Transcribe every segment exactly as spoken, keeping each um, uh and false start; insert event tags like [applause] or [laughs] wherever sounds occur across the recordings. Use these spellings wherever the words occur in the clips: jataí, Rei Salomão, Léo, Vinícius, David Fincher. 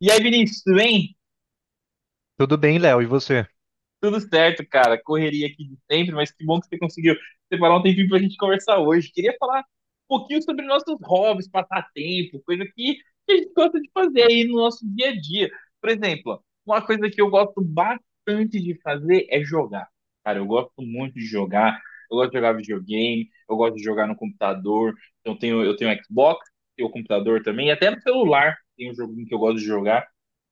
E aí, Vinícius, tudo bem? Tudo bem, Léo, e você? Tudo certo, cara. Correria aqui de sempre, mas que bom que você conseguiu separar um tempinho pra gente conversar hoje. Queria falar um pouquinho sobre nossos hobbies, passatempo, coisa que que a gente gosta de fazer aí no nosso dia a dia. Por exemplo, uma coisa que eu gosto bastante de fazer é jogar. Cara, eu gosto muito de jogar. Eu gosto de jogar videogame, eu gosto de jogar no computador. Então, eu tenho, eu tenho Xbox, tenho computador também, e até no celular tem um joguinho que eu gosto de jogar.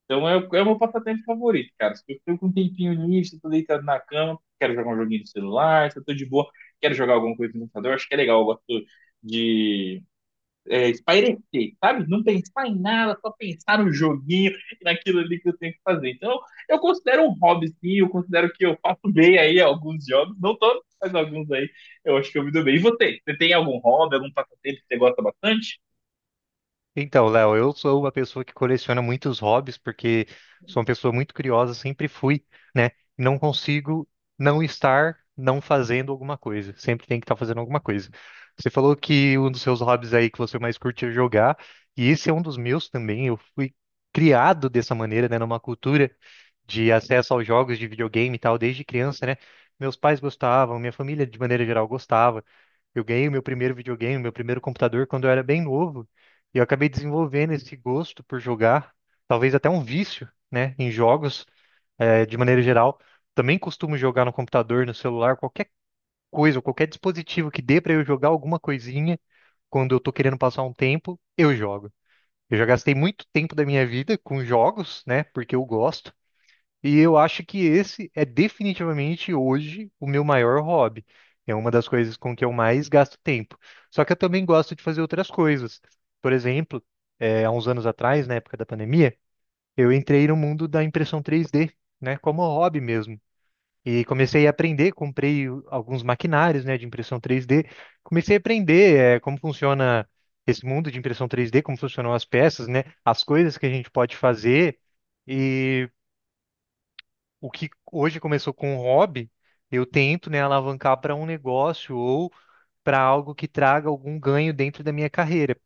Então é, o- é o meu passatempo favorito, cara. Se eu tô com um tempinho nisso, tô deitado na cama, quero jogar um joguinho no celular, se eu tô de boa, quero jogar alguma coisa no computador, acho que é legal, eu gosto de é, espairecer, sabe? Não pensar em nada, só pensar no joguinho e naquilo ali que eu tenho que fazer. Então, eu considero um hobby, sim, eu considero que eu faço bem aí alguns jogos, não todos, mas alguns aí eu acho que eu me dou bem. E você? Você tem algum hobby, algum passatempo que você gosta bastante? Então, Léo, eu sou uma pessoa que coleciona muitos hobbies porque sou uma pessoa muito curiosa, sempre fui, né? Não consigo não estar não fazendo alguma coisa. Sempre tem que estar fazendo alguma coisa. Você falou que um dos seus hobbies aí que você mais curte é jogar, e esse é um dos meus também. Eu fui criado dessa maneira, né? Numa cultura de acesso aos jogos de videogame e tal, desde criança, né? Meus pais gostavam, minha família de maneira geral gostava. Eu ganhei o meu primeiro videogame, meu primeiro computador quando eu era bem novo. E eu acabei desenvolvendo esse gosto por jogar, talvez até um vício, né, em jogos, eh, de maneira geral. Também costumo jogar no computador, no celular, qualquer coisa, qualquer dispositivo que dê para eu jogar alguma coisinha quando eu tô querendo passar um tempo, eu jogo. Eu já gastei muito tempo da minha vida com jogos, né, porque eu gosto. E eu acho que esse é definitivamente hoje o meu maior hobby. É uma das coisas com que eu mais gasto tempo. Só que eu também gosto de fazer outras coisas. Por exemplo, eh, há uns anos atrás, na época da pandemia, eu entrei no mundo da impressão três dê, né, como hobby mesmo. E comecei a aprender, comprei o- alguns maquinários, né, de impressão três dê. Comecei a aprender, eh, como funciona esse mundo de impressão três dê, como funcionam as peças, né, as coisas que a gente pode fazer o que hoje começou com um hobby, eu tento, né, alavancar para um negócio ou para algo que traga algum ganho dentro da minha carreira.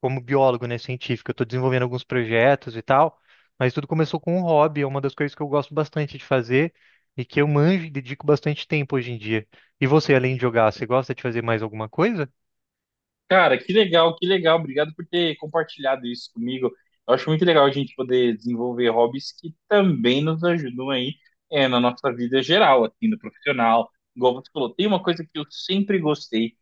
Como biólogo, né, científico, eu estou desenvolvendo alguns projetos e tal, mas tudo começou com um hobby, é uma das coisas que eu gosto bastante de fazer e que eu manjo e dedico bastante tempo hoje em dia. E você, além de jogar, você gosta de fazer mais alguma coisa? Cara, que legal, que legal. Obrigado por ter compartilhado isso comigo. Eu acho muito legal a gente poder desenvolver hobbies que também nos ajudam aí, é, na nossa vida geral, assim, no profissional. Igual você falou, tem uma coisa que eu sempre gostei,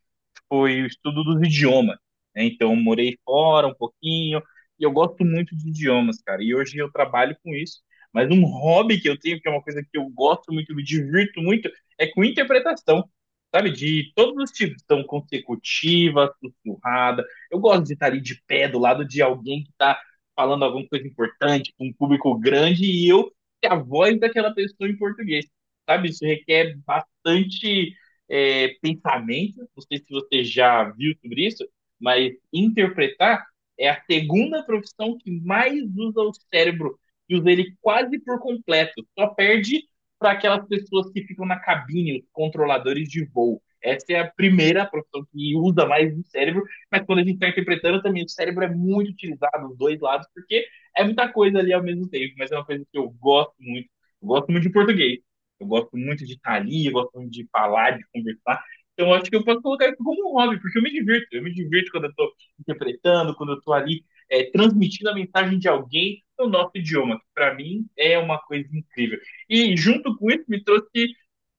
foi o estudo dos idiomas, né? Então, eu morei fora um pouquinho e eu gosto muito de idiomas, cara. E hoje eu trabalho com isso. Mas um hobby que eu tenho, que é uma coisa que eu gosto muito, me divirto muito, é com interpretação, sabe? De todos os tipos. Então, consecutiva, sussurrada. Eu gosto de estar ali de pé do lado de alguém que está falando alguma coisa importante, com um público grande, e eu ser a voz daquela pessoa em português, sabe? Isso requer bastante é, pensamento, não sei se você já viu sobre isso, mas interpretar é a segunda profissão que mais usa o cérebro e usa ele quase por completo. Só perde para aquelas pessoas que ficam na cabine, os controladores de voo. Essa é a primeira profissão que usa mais o cérebro, mas quando a gente está interpretando também, o cérebro é muito utilizado, os dois lados, porque é muita coisa ali ao mesmo tempo, mas é uma coisa que eu gosto muito. Eu gosto muito de português. Eu gosto muito de estar ali, eu gosto muito de falar, de conversar. Então, eu acho que eu posso colocar isso como um hobby, porque eu me divirto. Eu me divirto quando eu estou interpretando, quando eu estou ali é, transmitindo a mensagem de alguém no nosso idioma, que para mim é uma coisa incrível. E junto com isso, me trouxe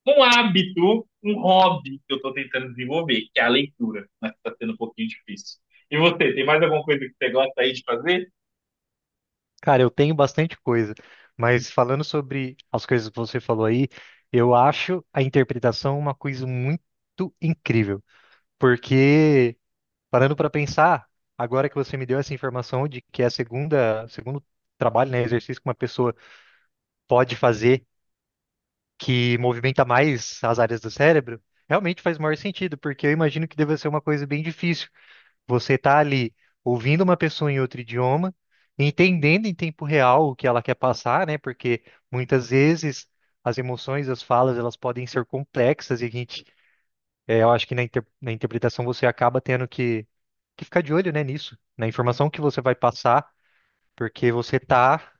um hábito, um hobby que eu estou tentando desenvolver, que é a leitura, mas está sendo um pouquinho difícil. E você, tem mais alguma coisa que você gosta aí de fazer? Cara, eu tenho bastante coisa, mas falando sobre as coisas que você falou aí, eu acho a interpretação uma coisa muito incrível. Porque, parando para pensar, agora que você me deu essa informação de que é a segunda, segundo trabalho, né, exercício que uma pessoa pode fazer que movimenta mais as áreas do cérebro, realmente faz maior sentido, porque eu imagino que deva ser uma coisa bem difícil. Você tá ali ouvindo uma pessoa em outro idioma, entendendo em tempo real o que ela quer passar, né? Porque muitas vezes as emoções, as falas, elas podem ser complexas e a gente é, eu acho que na, inter- na interpretação você acaba tendo que, que ficar de olho, né, nisso, na informação que você vai passar, porque você está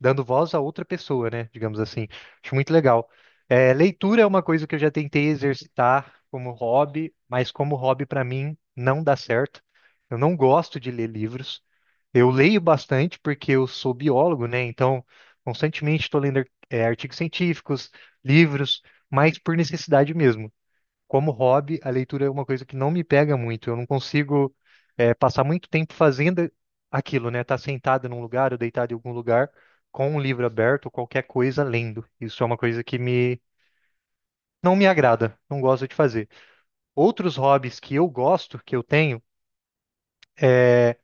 dando voz a outra pessoa, né, digamos assim. Acho muito legal. É, leitura é uma coisa que eu já tentei exercitar como hobby, mas como hobby para mim não dá certo. Eu não gosto de ler livros. Eu leio bastante porque eu sou biólogo, né? Então, constantemente estou lendo, é, artigos científicos, livros, mas por necessidade mesmo como hobby, a leitura é uma coisa que não me pega muito. Eu não consigo eh, passar muito tempo fazendo aquilo, né? Estar sentado num lugar ou deitado em algum lugar com um livro aberto, qualquer coisa lendo. Isso é uma coisa que me não me agrada, não gosto de fazer. Outros hobbies que eu gosto, que eu tenho, é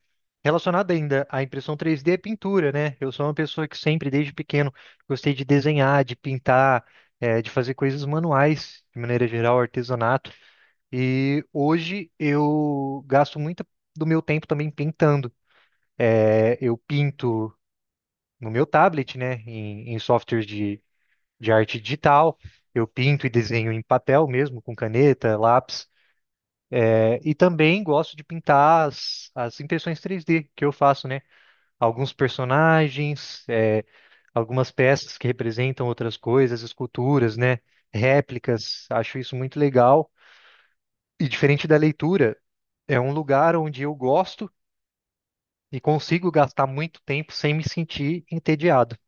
relacionado ainda à impressão três dê, é pintura, né? Eu sou uma pessoa que sempre, desde pequeno, gostei de desenhar, de pintar, eh, de fazer coisas manuais, de maneira geral, artesanato. E hoje eu gasto muito do meu tempo também pintando. É, eu pinto no meu tablet, né, em, em softwares de, de arte digital. Eu pinto e desenho em papel mesmo, com caneta, lápis. É, e também gosto de pintar as, as impressões três dê que eu faço, né? Alguns personagens, é, algumas peças que representam outras coisas, esculturas, né? Réplicas. Acho isso muito legal. E diferente da leitura, é um lugar onde eu gosto e consigo gastar muito tempo sem me sentir entediado.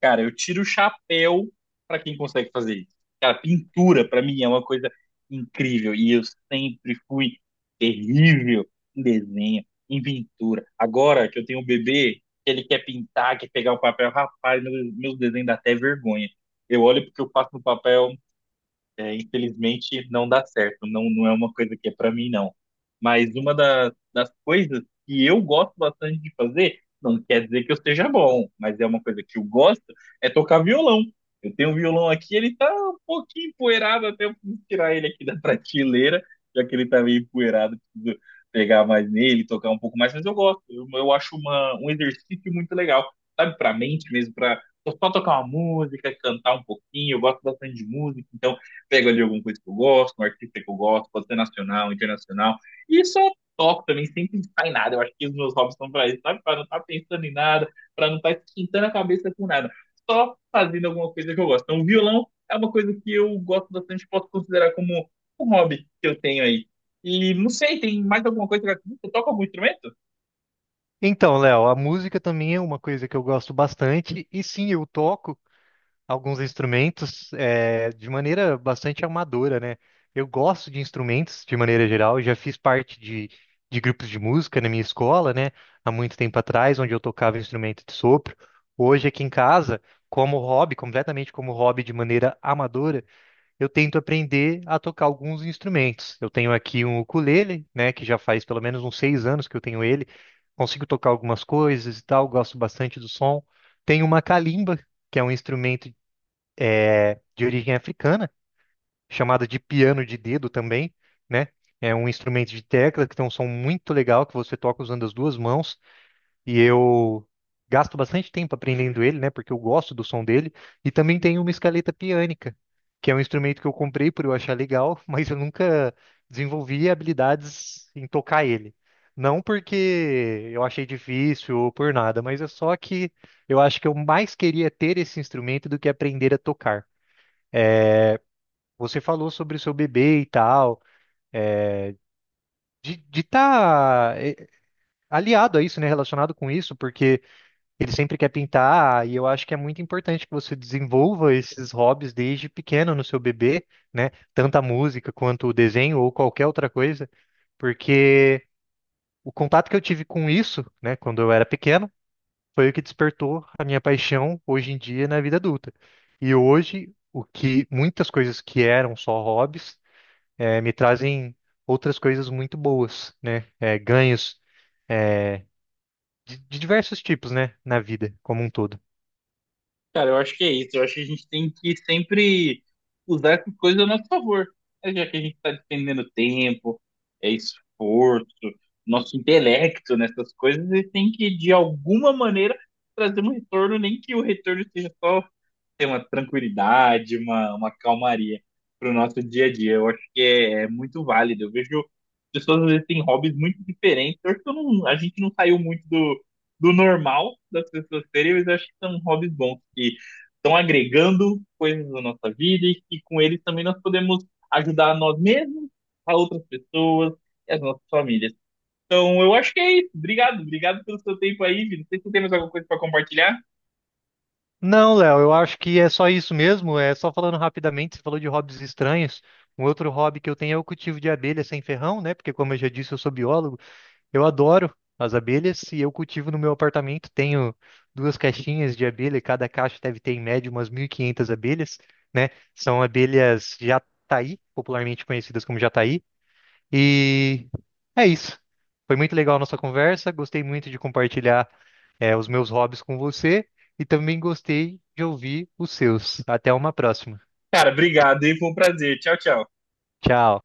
Cara, eu tiro o chapéu pra quem consegue fazer isso. Cara, pintura pra mim é uma coisa incrível e eu sempre fui terrível em desenho, em pintura. Agora que eu tenho um bebê, que ele quer pintar, quer pegar o papel, rapaz, meu, meu desenho dá até vergonha. Eu olho porque eu passo no papel, é, infelizmente não dá certo, não, não é uma coisa que é para mim, não. Mas uma da- das coisas que eu gosto bastante de fazer, não quer dizer que eu seja bom, mas é uma coisa que eu gosto, é tocar violão. Eu tenho um violão aqui, ele tá um pouquinho empoeirado, até eu preciso tirar ele aqui da [laughs] prateleira, já que ele tá meio empoeirado, preciso pegar mais nele, tocar um pouco mais, mas eu gosto, eu, eu acho uma, um exercício muito legal, sabe, pra mente mesmo, pra só tocar uma música, cantar um pouquinho, eu gosto bastante de música, então pego ali alguma coisa que eu gosto, um artista que eu gosto, pode ser nacional, internacional, e só toco também, sem pensar em nada. Eu acho que os meus hobbies são pra isso, sabe? Pra não estar tá pensando em nada, pra não estar tá esquentando a cabeça com nada. Só fazendo alguma coisa que eu gosto. Então, o violão é uma coisa que eu gosto bastante, posso considerar como um hobby que eu tenho aí. E não sei, tem mais alguma coisa que você toca algum instrumento? Então, Léo, a música também é uma coisa que eu gosto bastante, e sim, eu toco alguns instrumentos eh, de maneira bastante amadora, né? Eu gosto de instrumentos de maneira geral, eu já fiz parte de, de grupos de música na minha escola, né? Há muito tempo atrás, onde eu tocava instrumento de sopro. Hoje, aqui em casa, como hobby, completamente como hobby de maneira amadora. Eu tento aprender a tocar alguns instrumentos. Eu tenho aqui um ukulele, né, que já faz pelo menos uns seis anos que eu tenho ele. Consigo tocar algumas coisas e tal, gosto bastante do som. Tenho uma kalimba, que é um instrumento de origem africana, chamado de piano de dedo também, né? É um instrumento de tecla que tem um som muito legal que você toca usando as duas mãos e eu gasto bastante tempo aprendendo ele, né, porque eu gosto do som dele, e também tem uma escaleta piânica, que é um instrumento que eu comprei por eu achar legal, [laughs] mas eu nunca desenvolvi habilidades em tocar ele. Não porque eu achei difícil ou por nada, mas é só que eu acho que eu mais queria ter esse instrumento do que aprender a tocar. Você falou sobre o seu bebê e tal, de estar aliado a isso, né, relacionado com isso, porque Ele sempre quer pintar, e eu acho que é muito importante que você desenvolva esses hobbies desde pequeno no seu bebê, né? Tanto a música quanto o desenho ou qualquer outra coisa, porque o contato que eu tive com isso, né, quando eu era pequeno, foi o que despertou a minha paixão hoje em dia na vida adulta. E hoje, o que muitas coisas que eram só hobbies, eh, me trazem outras coisas muito boas, né? Eh, ganhos, eh, de de diversos tipos, né, na vida como um todo. Cara, eu acho que é isso. Eu acho que a gente tem que sempre usar essas coisas a nosso favor. Né? Já que a gente está despendendo tempo, é esforço, nosso intelecto nessas coisas, e tem que, de alguma maneira, trazer um retorno, nem que o retorno seja só ter uma tranquilidade, uma, uma calmaria para o nosso dia a dia. Eu acho que é, é muito válido. Eu vejo pessoas às vezes têm hobbies muito diferentes. Eu acho que eu não, a gente não saiu muito do, do normal das pessoas terem, mas eu acho que são hobbies bons que estão agregando coisas na nossa vida e que com eles também nós podemos ajudar nós mesmos, a outras pessoas e as nossas famílias. Então eu acho que é isso. Obrigado, obrigado pelo seu tempo aí, Vini. Não sei se você tem mais alguma coisa para compartilhar. Não, Léo, eu acho que é só isso mesmo. É só falando rapidamente, você falou de hobbies estranhos. Um outro hobby que eu tenho é o cultivo de abelhas sem ferrão, né? Porque, como eu já disse, eu sou biólogo. Eu adoro as abelhas e eu cultivo no meu apartamento. Tenho duas caixinhas de abelha e cada caixa deve ter, em média, umas mil e quinhentas abelhas, né? São abelhas jataí, popularmente conhecidas como jataí. E é isso. Foi muito legal a nossa conversa. Gostei muito de compartilhar, eh, os meus hobbies com você e também gostei de ouvir os seus. Até uma próxima. Cara, obrigado e foi um prazer. Tchau, tchau. Tchau.